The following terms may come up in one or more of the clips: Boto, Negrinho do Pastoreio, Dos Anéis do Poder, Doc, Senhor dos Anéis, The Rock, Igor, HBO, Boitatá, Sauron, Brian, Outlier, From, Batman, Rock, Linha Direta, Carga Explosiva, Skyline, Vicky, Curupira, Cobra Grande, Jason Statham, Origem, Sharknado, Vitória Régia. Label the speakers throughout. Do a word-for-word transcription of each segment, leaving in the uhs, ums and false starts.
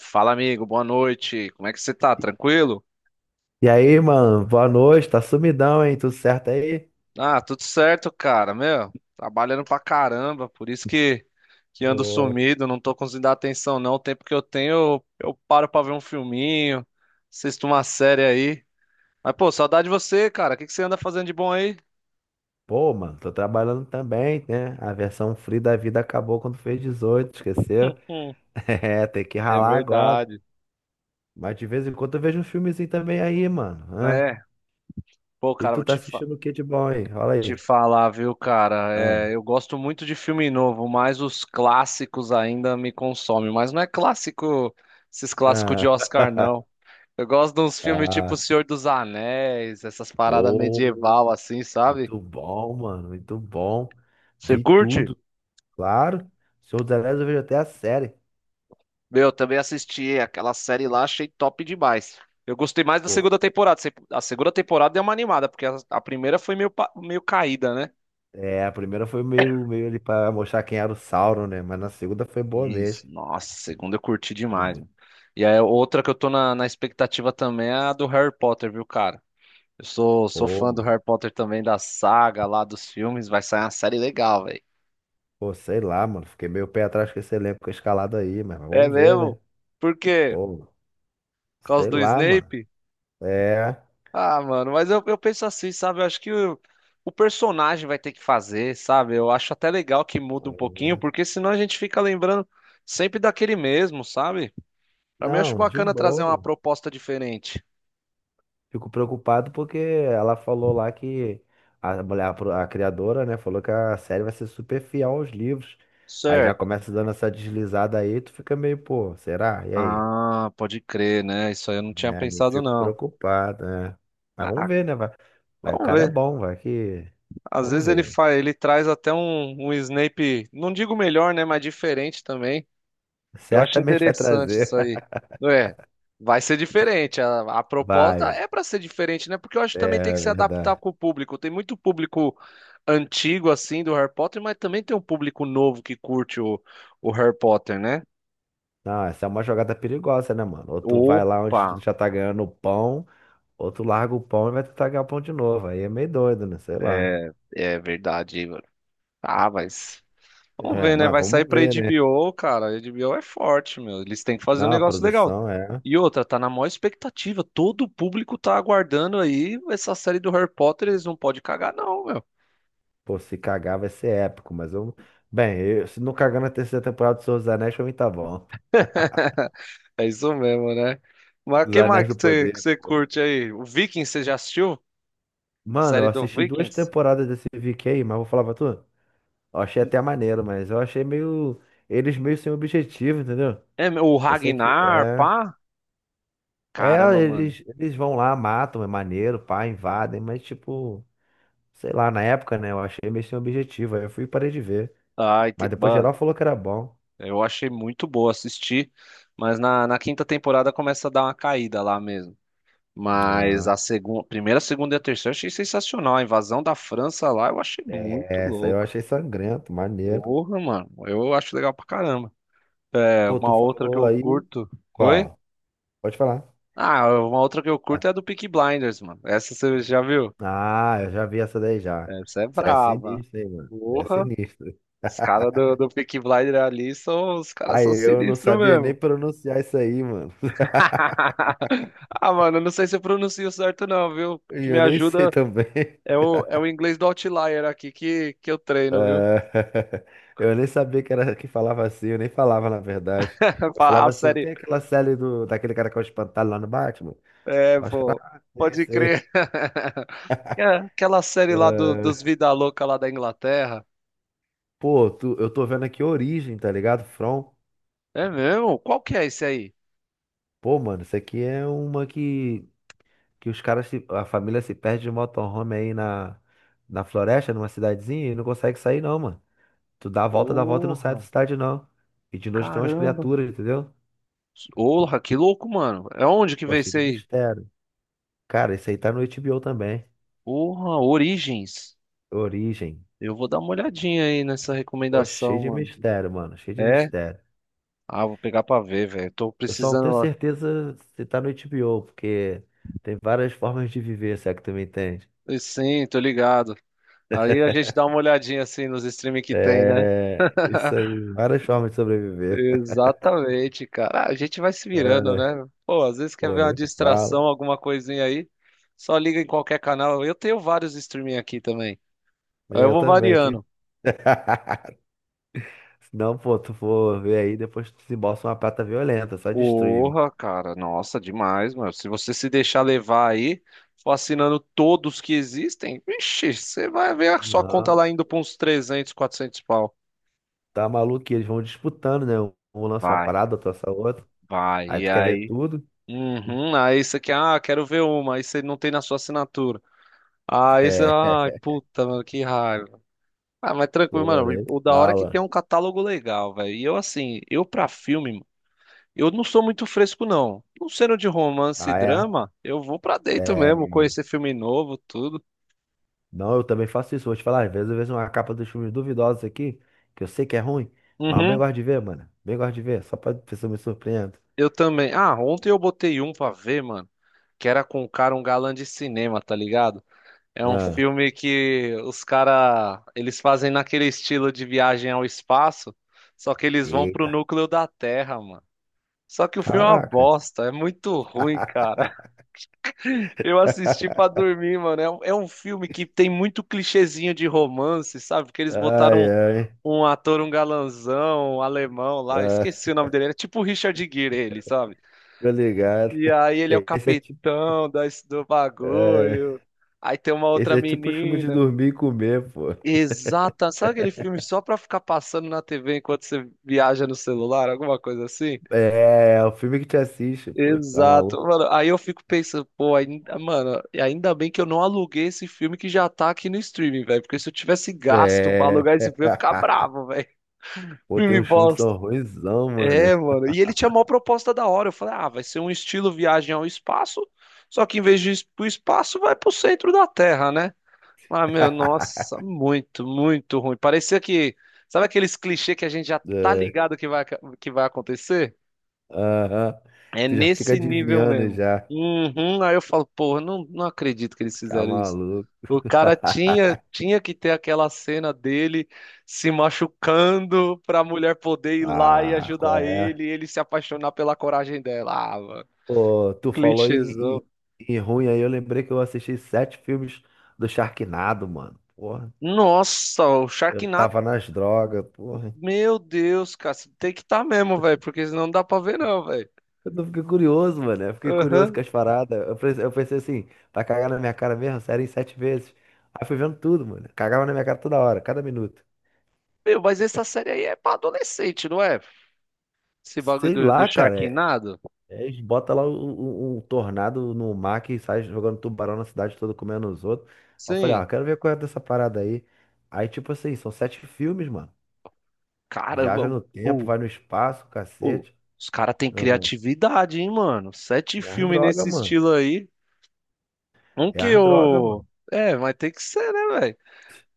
Speaker 1: Fala, amigo, boa noite. Como é que você tá? Tranquilo?
Speaker 2: E aí, mano, boa noite, tá sumidão, hein? Tudo certo aí?
Speaker 1: Ah, tudo certo, cara, meu. Trabalhando pra caramba, por isso que, que ando
Speaker 2: Ô.
Speaker 1: sumido, não tô conseguindo dar atenção, não. O tempo que eu tenho, eu, eu paro pra ver um filminho, assisto uma série aí. Mas, pô, saudade de você, cara. O que que você anda fazendo de bom aí?
Speaker 2: Pô, mano, tô trabalhando também, né? A versão free da vida acabou quando fez dezoito, esqueceu?
Speaker 1: Hum.
Speaker 2: É, tem que
Speaker 1: É
Speaker 2: ralar agora.
Speaker 1: verdade.
Speaker 2: Mas de vez em quando eu vejo um filmezinho também aí, mano. Hã?
Speaker 1: Né? Pô,
Speaker 2: E
Speaker 1: cara,
Speaker 2: tu
Speaker 1: vou
Speaker 2: tá
Speaker 1: te
Speaker 2: assistindo o que de bom, hein? Olha
Speaker 1: Te
Speaker 2: aí.
Speaker 1: falar, viu, cara?
Speaker 2: Ah,
Speaker 1: É, eu gosto muito de filme novo, mas os clássicos ainda me consomem. Mas não é clássico, esses clássicos
Speaker 2: ah.
Speaker 1: de Oscar, não. Eu gosto de uns filmes tipo O
Speaker 2: Ah,
Speaker 1: Senhor dos Anéis, essas paradas
Speaker 2: pô,
Speaker 1: medieval assim, sabe?
Speaker 2: muito bom, mano, muito bom.
Speaker 1: Você
Speaker 2: Vi
Speaker 1: curte?
Speaker 2: tudo, claro. Senhor dos Anéis eu vejo até a série.
Speaker 1: Meu, eu também assisti aquela série lá, achei top demais. Eu gostei mais da
Speaker 2: Pô,
Speaker 1: segunda temporada. Se- A segunda temporada deu uma animada, porque a a primeira foi meio, pa- meio caída, né?
Speaker 2: é, a primeira foi meio, meio ali pra mostrar quem era o Sauron, né? Mas na segunda foi boa mesmo.
Speaker 1: Isso. Nossa, segunda eu curti
Speaker 2: Pô,
Speaker 1: demais,
Speaker 2: muito
Speaker 1: mano. E aí, outra que eu tô na, na expectativa também é a do Harry Potter, viu, cara? Eu sou, sou
Speaker 2: boa,
Speaker 1: fã do
Speaker 2: mano.
Speaker 1: Harry Potter também, da saga lá, dos filmes. Vai sair uma série legal, velho.
Speaker 2: Pô, sei lá, mano. Fiquei meio pé atrás com esse elenco escalado aí, mas
Speaker 1: É
Speaker 2: vamos ver,
Speaker 1: mesmo?
Speaker 2: né?
Speaker 1: Por quê?
Speaker 2: Pô,
Speaker 1: Por causa
Speaker 2: sei
Speaker 1: do
Speaker 2: lá, mano.
Speaker 1: Snape?
Speaker 2: É.
Speaker 1: Ah, mano, mas eu, eu penso assim, sabe? Eu acho que o, o personagem vai ter que fazer, sabe? Eu acho até legal que muda um pouquinho, porque senão a gente fica lembrando sempre daquele mesmo, sabe? Pra mim, eu acho
Speaker 2: Não, de
Speaker 1: bacana trazer uma
Speaker 2: boa.
Speaker 1: proposta diferente.
Speaker 2: Fico preocupado porque ela falou lá que a mulher, a pro- a criadora, né, falou que a série vai ser super fiel aos livros. Aí já
Speaker 1: Certo.
Speaker 2: começa dando essa deslizada aí, tu fica meio, pô, será? E aí?
Speaker 1: Ah, pode crer, né? Isso aí eu não tinha
Speaker 2: É, eu
Speaker 1: pensado,
Speaker 2: fico
Speaker 1: não.
Speaker 2: preocupado, né? Mas vamos
Speaker 1: Ah,
Speaker 2: ver, né? Vai, vai, o
Speaker 1: vamos
Speaker 2: cara é
Speaker 1: ver.
Speaker 2: bom, vai que.
Speaker 1: Às
Speaker 2: Vamos
Speaker 1: vezes ele
Speaker 2: ver, né?
Speaker 1: faz, ele traz até um, um Snape, não digo melhor, né? Mas diferente também. Eu acho
Speaker 2: Certamente vai
Speaker 1: interessante
Speaker 2: trazer.
Speaker 1: isso aí. Não é? Vai ser diferente. A, a proposta
Speaker 2: Vai,
Speaker 1: é pra ser diferente, né? Porque eu acho que também tem
Speaker 2: é
Speaker 1: que se adaptar
Speaker 2: verdade.
Speaker 1: com o público. Tem muito público antigo, assim, do Harry Potter, mas também tem um público novo que curte o, o Harry Potter, né?
Speaker 2: Não, essa é uma jogada perigosa, né, mano? Ou tu vai lá
Speaker 1: Opa!
Speaker 2: onde tu já tá ganhando o pão, ou tu larga o pão e vai tentar ganhar o pão de novo. Aí é meio doido, né? Sei lá.
Speaker 1: É, é verdade, Igor. Ah, mas. Vamos
Speaker 2: É,
Speaker 1: ver, né?
Speaker 2: mas
Speaker 1: Vai sair
Speaker 2: vamos
Speaker 1: pra
Speaker 2: ver, né?
Speaker 1: H B O, cara. A H B O é forte, meu. Eles têm que fazer um
Speaker 2: Não, a
Speaker 1: negócio legal.
Speaker 2: produção é.
Speaker 1: E outra, tá na maior expectativa. Todo o público tá aguardando aí essa série do Harry Potter. Eles não podem cagar, não, meu.
Speaker 2: Pô, se cagar vai ser épico, mas eu. Bem, eu- se não cagar na terceira temporada do Senhor dos Anéis, pra mim tá bom.
Speaker 1: É isso mesmo, né? Mas
Speaker 2: Dos
Speaker 1: que mais
Speaker 2: Anéis
Speaker 1: que
Speaker 2: do
Speaker 1: você, que
Speaker 2: Poder.
Speaker 1: você curte aí? O Vikings, você já assistiu?
Speaker 2: Mano,
Speaker 1: Série
Speaker 2: eu
Speaker 1: do
Speaker 2: assisti duas
Speaker 1: Vikings?
Speaker 2: temporadas desse Vicky aí, mas vou falar pra tu. Eu achei até maneiro, mas eu achei meio. Eles meio sem objetivo, entendeu?
Speaker 1: É, meu, o
Speaker 2: Eu sei que.
Speaker 1: Ragnar,
Speaker 2: É.
Speaker 1: pá?
Speaker 2: É,
Speaker 1: Caramba, mano.
Speaker 2: eles, eles vão lá, matam, é maneiro, pá, invadem, mas tipo. Sei lá, na época, né? Eu achei meio sem objetivo. Aí eu fui e parei de ver.
Speaker 1: Ai, te-
Speaker 2: Mas depois geral
Speaker 1: mano.
Speaker 2: falou que era bom.
Speaker 1: Eu achei muito boa assistir. Mas na, na quinta temporada começa a dar uma caída lá mesmo. Mas
Speaker 2: Ah,
Speaker 1: a segunda, primeira, segunda e a terceira eu achei sensacional. A invasão da França lá eu achei muito
Speaker 2: é, essa aí eu
Speaker 1: louco.
Speaker 2: achei sangrento, maneiro.
Speaker 1: Porra, mano. Eu acho legal pra caramba. É,
Speaker 2: Pô, tu
Speaker 1: uma outra que
Speaker 2: falou
Speaker 1: eu
Speaker 2: aí.
Speaker 1: curto. Oi?
Speaker 2: Qual? Pode falar.
Speaker 1: Ah, uma outra que eu curto é a do Peaky Blinders, mano. Essa você já viu?
Speaker 2: Ah, eu já vi essa daí já.
Speaker 1: Essa é
Speaker 2: Você é
Speaker 1: braba.
Speaker 2: sinistro, hein, mano? Você é
Speaker 1: Porra.
Speaker 2: sinistro.
Speaker 1: Os caras do, do Peaky Blinders ali são. Os caras são
Speaker 2: Aí eu não
Speaker 1: sinistros
Speaker 2: sabia nem
Speaker 1: mesmo.
Speaker 2: pronunciar isso aí, mano.
Speaker 1: Ah, mano, eu não sei se eu pronuncio certo, não, viu? O
Speaker 2: E
Speaker 1: que me
Speaker 2: eu nem sei
Speaker 1: ajuda
Speaker 2: também.
Speaker 1: é o, é o inglês do Outlier aqui que, que eu
Speaker 2: É,
Speaker 1: treino, viu?
Speaker 2: eu nem sabia que era que falava assim, eu nem falava na verdade. Eu
Speaker 1: Fa- A
Speaker 2: falava assim, não
Speaker 1: série.
Speaker 2: tem aquela série do, daquele cara que é o espantalho lá no Batman?
Speaker 1: É,
Speaker 2: Aí os caras,
Speaker 1: pô.
Speaker 2: ah, sei,
Speaker 1: Pode
Speaker 2: sei.
Speaker 1: crer. É, aquela série lá do-
Speaker 2: É.
Speaker 1: dos Vida Louca lá da Inglaterra.
Speaker 2: Pô, tu, eu tô vendo aqui Origem, tá ligado? From.
Speaker 1: É mesmo? Qual que é esse aí?
Speaker 2: Pô, mano, isso aqui é uma que, que os caras, se- a família se perde de motorhome aí na, na floresta, numa cidadezinha, e não consegue sair não, mano. Tu dá a volta, dá a volta e não sai da
Speaker 1: Porra,
Speaker 2: cidade, não. E de noite tem umas
Speaker 1: caramba.
Speaker 2: criaturas, entendeu?
Speaker 1: Porra, que louco, mano. É onde que
Speaker 2: Pô,
Speaker 1: veio
Speaker 2: cheio
Speaker 1: esse
Speaker 2: de
Speaker 1: aí?
Speaker 2: mistério. Cara, esse aí tá no H B O também.
Speaker 1: Porra, Origens.
Speaker 2: Origem.
Speaker 1: Eu vou dar uma olhadinha aí nessa
Speaker 2: Pô,
Speaker 1: recomendação,
Speaker 2: cheio de
Speaker 1: mano.
Speaker 2: mistério, mano. Cheio de
Speaker 1: É?
Speaker 2: mistério.
Speaker 1: Ah, vou pegar pra ver, velho. Tô
Speaker 2: Eu só não
Speaker 1: precisando.
Speaker 2: tenho
Speaker 1: Ó.
Speaker 2: certeza se tá no H B O, porque tem várias formas de viver, se é que tu me entende.
Speaker 1: Sim, tô ligado. Aí a gente dá uma olhadinha assim nos streams que tem, né?
Speaker 2: É, isso aí. Várias formas de sobreviver.
Speaker 1: Exatamente, cara. Ah, a gente vai se virando,
Speaker 2: É,
Speaker 1: né? Pô, às vezes quer
Speaker 2: pô,
Speaker 1: ver uma
Speaker 2: né?
Speaker 1: distração,
Speaker 2: Fala.
Speaker 1: alguma coisinha aí, só liga em qualquer canal. Eu tenho vários streaming aqui também. Aí
Speaker 2: É,
Speaker 1: eu
Speaker 2: Eu
Speaker 1: vou
Speaker 2: também. tem-
Speaker 1: variando.
Speaker 2: Se não, pô, tu for ver aí, depois tu desembolsa uma prata violenta, só de streaming.
Speaker 1: Porra, cara, nossa, demais, mano. Se você se deixar levar aí, for assinando todos que existem, vixe, você vai ver a sua
Speaker 2: Não,
Speaker 1: conta lá indo pra uns trezentos, quatrocentos pau.
Speaker 2: tá maluco, que eles vão disputando, né? Um lança uma
Speaker 1: Vai,
Speaker 2: parada, outro lança outra.
Speaker 1: vai.
Speaker 2: Aí
Speaker 1: E
Speaker 2: tu quer ver
Speaker 1: aí?
Speaker 2: tudo?
Speaker 1: Uhum, aí você quer, ah, quero ver uma, aí você não tem na sua assinatura. Aí você, ai,
Speaker 2: É,
Speaker 1: puta, mano, que raiva. Ah, mas tranquilo,
Speaker 2: pô,
Speaker 1: mano.
Speaker 2: né?
Speaker 1: O da hora é que tem
Speaker 2: Fala.
Speaker 1: um catálogo legal, velho. E eu, assim, eu pra filme, mano, eu não sou muito fresco, não. Não sendo de romance e
Speaker 2: Ah, é.
Speaker 1: drama, eu vou pra dentro
Speaker 2: É.
Speaker 1: mesmo, conhecer filme novo, tudo.
Speaker 2: Não, eu também faço isso. Vou te falar, às vezes eu vejo uma capa dos filmes duvidosos aqui, que eu sei que é ruim, mas eu bem
Speaker 1: Uhum,
Speaker 2: gosto de ver, mano. Bem gosto de ver, só pra ver se eu me surpreendo.
Speaker 1: eu também. Ah, ontem eu botei um pra ver, mano, que era com um cara, um galã de cinema, tá ligado? É um
Speaker 2: Ah,
Speaker 1: filme que os cara, eles fazem naquele estilo de viagem ao espaço, só que eles vão pro
Speaker 2: eita,
Speaker 1: núcleo da Terra, mano. Só que o filme é uma
Speaker 2: caraca.
Speaker 1: bosta, é muito ruim, cara. Eu assisti pra dormir, mano. É um, é um filme que tem muito clichêzinho de romance, sabe? Que eles
Speaker 2: Ai,
Speaker 1: botaram
Speaker 2: ai.
Speaker 1: um, um ator, um galanzão, um alemão lá, esqueci
Speaker 2: Ah,
Speaker 1: o nome dele. Era tipo o Richard Gere, ele, sabe?
Speaker 2: tô ligado.
Speaker 1: E aí ele é o
Speaker 2: Esse é tipo,
Speaker 1: capitão da, do
Speaker 2: é,
Speaker 1: bagulho. Aí tem uma
Speaker 2: esse
Speaker 1: outra
Speaker 2: é tipo filme de
Speaker 1: menina.
Speaker 2: dormir e comer, pô.
Speaker 1: Exata. Sabe aquele filme só pra ficar passando na T V enquanto você viaja no celular? Alguma coisa assim?
Speaker 2: É, o filme que te assiste, pô. Tá
Speaker 1: Exato,
Speaker 2: maluco?
Speaker 1: mano. Aí eu fico pensando, pô, ainda, mano, ainda bem que eu não aluguei esse filme que já tá aqui no streaming, velho. Porque se eu tivesse gasto pra
Speaker 2: É.
Speaker 1: alugar esse filme, eu ia ficar bravo, velho.
Speaker 2: Pô, tem
Speaker 1: Filme
Speaker 2: uns filmes que
Speaker 1: bosta.
Speaker 2: são ruinzão, mano.
Speaker 1: É, mano. E ele tinha uma proposta da hora. Eu falei, ah, vai ser um estilo viagem ao espaço, só que em vez de ir pro espaço, vai pro centro da Terra, né? Mas, meu, nossa, muito, muito ruim. Parecia que, sabe aqueles clichês que a gente já tá
Speaker 2: É.
Speaker 1: ligado que vai, que vai, acontecer?
Speaker 2: Aham.
Speaker 1: É
Speaker 2: Tu já fica
Speaker 1: nesse nível
Speaker 2: adivinhando
Speaker 1: mesmo.
Speaker 2: já.
Speaker 1: Uhum. Aí eu falo, porra, não, não acredito que eles
Speaker 2: Tá
Speaker 1: fizeram isso.
Speaker 2: maluco.
Speaker 1: O cara tinha, tinha que ter aquela cena dele se machucando pra mulher poder ir lá e
Speaker 2: Ah, qual
Speaker 1: ajudar
Speaker 2: é?
Speaker 1: ele, e ele se apaixonar pela coragem dela. Ah, mano,
Speaker 2: Pô, tu falou em, em,
Speaker 1: clichêzão.
Speaker 2: em ruim aí, eu lembrei que eu assisti sete filmes do Sharknado, mano. Porra,
Speaker 1: Nossa, o
Speaker 2: eu
Speaker 1: Sharknado,
Speaker 2: tava nas drogas, porra.
Speaker 1: meu Deus, cara, você tem que estar mesmo, velho, porque senão não dá pra ver não, velho.
Speaker 2: Eu tô- fiquei curioso, mano. Eu fiquei curioso com
Speaker 1: Aham.
Speaker 2: as paradas. Eu pensei, eu pensei assim, vai cagar na minha cara mesmo? Sério, em sete vezes. Aí fui vendo tudo, mano. Cagava na minha cara toda hora, cada minuto.
Speaker 1: Meu, mas essa série aí é pra adolescente, não é? Esse bagulho
Speaker 2: Sei
Speaker 1: do, do
Speaker 2: lá, cara. é-
Speaker 1: Sharknado?
Speaker 2: é, Eles botam lá o um- um tornado no mar que sai jogando tubarão na cidade toda, comendo os outros. Aí eu falei,
Speaker 1: Sim.
Speaker 2: ó, quero ver qual é dessa parada aí. Aí, tipo assim, são sete filmes, mano. Viaja
Speaker 1: Caramba,
Speaker 2: no tempo,
Speaker 1: pô,
Speaker 2: vai no espaço,
Speaker 1: pô,
Speaker 2: cacete.
Speaker 1: os caras têm
Speaker 2: Ah,
Speaker 1: criatividade, hein, mano? Sete
Speaker 2: é as
Speaker 1: filmes
Speaker 2: droga,
Speaker 1: nesse
Speaker 2: mano.
Speaker 1: estilo aí. Um
Speaker 2: É
Speaker 1: que
Speaker 2: as droga,
Speaker 1: eu.
Speaker 2: mano.
Speaker 1: É, mas tem que ser, né, velho?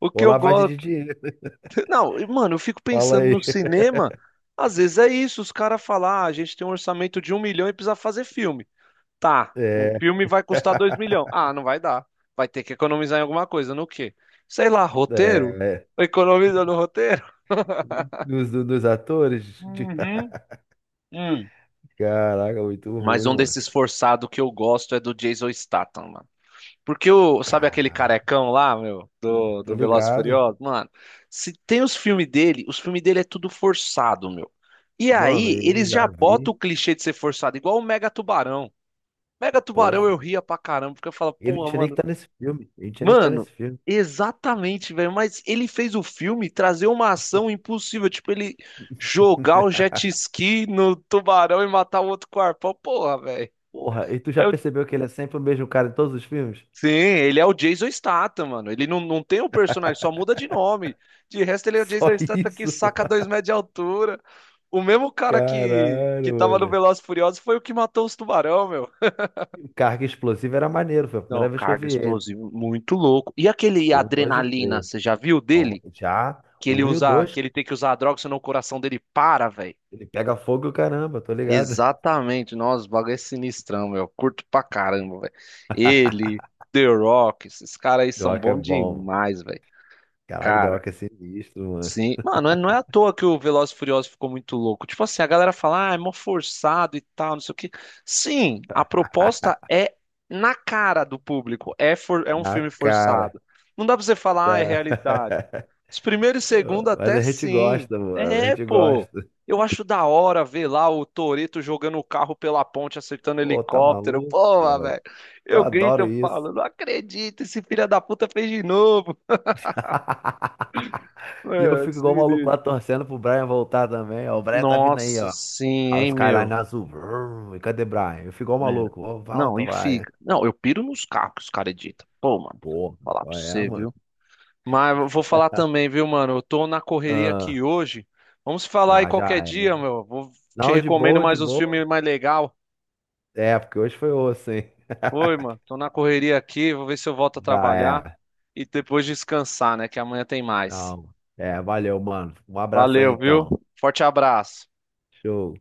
Speaker 1: O que
Speaker 2: Ou
Speaker 1: eu
Speaker 2: lavagem
Speaker 1: gosto.
Speaker 2: de dinheiro.
Speaker 1: Não, e, mano, eu fico
Speaker 2: Fala
Speaker 1: pensando no
Speaker 2: aí.
Speaker 1: cinema. Às vezes é isso, os caras falam, ah, a gente tem um orçamento de um milhão e precisa fazer filme. Tá, o
Speaker 2: É.
Speaker 1: filme vai custar dois milhões. Ah, não vai dar. Vai ter que economizar em alguma coisa, no quê? Sei lá, roteiro?
Speaker 2: É,
Speaker 1: Economiza no roteiro?
Speaker 2: dos, do- dos atores? de-
Speaker 1: Uhum.
Speaker 2: Caraca, muito
Speaker 1: Mas
Speaker 2: ruim,
Speaker 1: um
Speaker 2: mano.
Speaker 1: desses forçados que eu gosto é do Jason Statham, mano. Porque o, sabe aquele
Speaker 2: Caraca,
Speaker 1: carecão lá, meu, do,
Speaker 2: tô
Speaker 1: do Velozes e
Speaker 2: ligado.
Speaker 1: Furiosos? Mano, se tem os filmes dele, os filmes dele é tudo forçado, meu. E
Speaker 2: Mano,
Speaker 1: aí,
Speaker 2: eu
Speaker 1: eles já
Speaker 2: já vi.
Speaker 1: botam o clichê de ser forçado, igual o Mega Tubarão. Mega Tubarão
Speaker 2: Porra.
Speaker 1: eu ria pra caramba, porque eu falo,
Speaker 2: Ele não
Speaker 1: porra,
Speaker 2: tinha nem que
Speaker 1: mano.
Speaker 2: tá nesse filme. Ele não tinha nem que tá
Speaker 1: Mano,
Speaker 2: nesse filme.
Speaker 1: exatamente, velho. Mas ele fez o filme trazer uma ação impossível, tipo, ele jogar o jet ski no tubarão e matar o outro com o arpão. Porra, velho.
Speaker 2: Porra, e tu já
Speaker 1: É,
Speaker 2: percebeu que ele é sempre o mesmo cara em todos os filmes?
Speaker 1: sim, ele é o Jason Statham, mano. Ele não, não tem o personagem, só muda de nome. De resto, ele é o
Speaker 2: Só
Speaker 1: Jason Statham que
Speaker 2: isso.
Speaker 1: saca dois metros de altura. O mesmo cara que, que
Speaker 2: Caralho,
Speaker 1: tava no
Speaker 2: mano.
Speaker 1: Velozes e Furiosos foi o que matou os tubarão, meu.
Speaker 2: O Carga Explosiva era maneiro, foi a
Speaker 1: Não,
Speaker 2: primeira vez que eu
Speaker 1: carga
Speaker 2: vi ele.
Speaker 1: explosivo, muito louco. E aquele
Speaker 2: Um, dois e
Speaker 1: adrenalina,
Speaker 2: três.
Speaker 1: você já viu
Speaker 2: Bom,
Speaker 1: dele?
Speaker 2: já
Speaker 1: Que
Speaker 2: o
Speaker 1: ele
Speaker 2: um e o
Speaker 1: usa,
Speaker 2: dois,
Speaker 1: que ele tem que usar a droga, senão o coração dele para, velho.
Speaker 2: ele pega fogo e o caramba, tô ligado.
Speaker 1: Exatamente, nossa, o bagulho é sinistrão, meu. Curto pra caramba, velho. Ele, The Rock, esses caras aí são
Speaker 2: Doc é
Speaker 1: bons
Speaker 2: bom.
Speaker 1: demais, velho.
Speaker 2: Caraca, da
Speaker 1: Cara.
Speaker 2: Rock é sinistro, mano.
Speaker 1: Sim, mano, é, não é à toa que o Velozes e Furiosos ficou muito louco. Tipo assim, a galera fala, ah, é mó forçado e tal, não sei o quê. Sim, a proposta é na cara do público. É, for- é um
Speaker 2: Na
Speaker 1: filme
Speaker 2: cara.
Speaker 1: forçado. Não dá pra você falar, ah, é realidade.
Speaker 2: Da...
Speaker 1: Os primeiros e segundo
Speaker 2: Mas
Speaker 1: até
Speaker 2: a gente
Speaker 1: sim.
Speaker 2: gosta, mano. A
Speaker 1: É,
Speaker 2: gente
Speaker 1: pô.
Speaker 2: gosta.
Speaker 1: Eu acho da hora ver lá o Toretto jogando o carro pela ponte, acertando
Speaker 2: Pô, tá
Speaker 1: helicóptero.
Speaker 2: maluco,
Speaker 1: Porra,
Speaker 2: mano?
Speaker 1: velho.
Speaker 2: Eu
Speaker 1: Eu grito,
Speaker 2: adoro
Speaker 1: eu
Speaker 2: isso.
Speaker 1: falo, não acredito, esse filho da puta fez de novo.
Speaker 2: E eu
Speaker 1: É,
Speaker 2: fico
Speaker 1: assim,
Speaker 2: igual o maluco lá torcendo pro Brian voltar também. Ó, o Brian tá vindo aí,
Speaker 1: nossa,
Speaker 2: ó.
Speaker 1: sim,
Speaker 2: Olha o
Speaker 1: hein,
Speaker 2: Skyline
Speaker 1: meu?
Speaker 2: azul. Vrum. E cadê o Brian? Eu fico igual o
Speaker 1: Meu.
Speaker 2: maluco. Ó,
Speaker 1: Não,
Speaker 2: volta,
Speaker 1: e
Speaker 2: Brian.
Speaker 1: fica. Não, eu piro nos carros que os caras editam. Pô, mano,
Speaker 2: Pô,
Speaker 1: vou falar
Speaker 2: qual
Speaker 1: pra
Speaker 2: é,
Speaker 1: você,
Speaker 2: mano?
Speaker 1: viu? Mas eu vou falar também, viu, mano? Eu tô na correria aqui
Speaker 2: Ah,
Speaker 1: hoje. Vamos falar aí
Speaker 2: não, já
Speaker 1: qualquer
Speaker 2: é.
Speaker 1: dia, meu. Vou te
Speaker 2: Não, de
Speaker 1: recomendo
Speaker 2: boa, de
Speaker 1: mais uns
Speaker 2: boa.
Speaker 1: filmes mais legal.
Speaker 2: É, porque hoje foi osso, hein?
Speaker 1: Oi, mano. Tô na correria aqui. Vou ver se eu volto a
Speaker 2: Já
Speaker 1: trabalhar
Speaker 2: é.
Speaker 1: e depois descansar, né? Que amanhã tem mais.
Speaker 2: Não. É, valeu, mano. Um abraço aí
Speaker 1: Valeu, viu?
Speaker 2: então.
Speaker 1: Forte abraço.
Speaker 2: Show.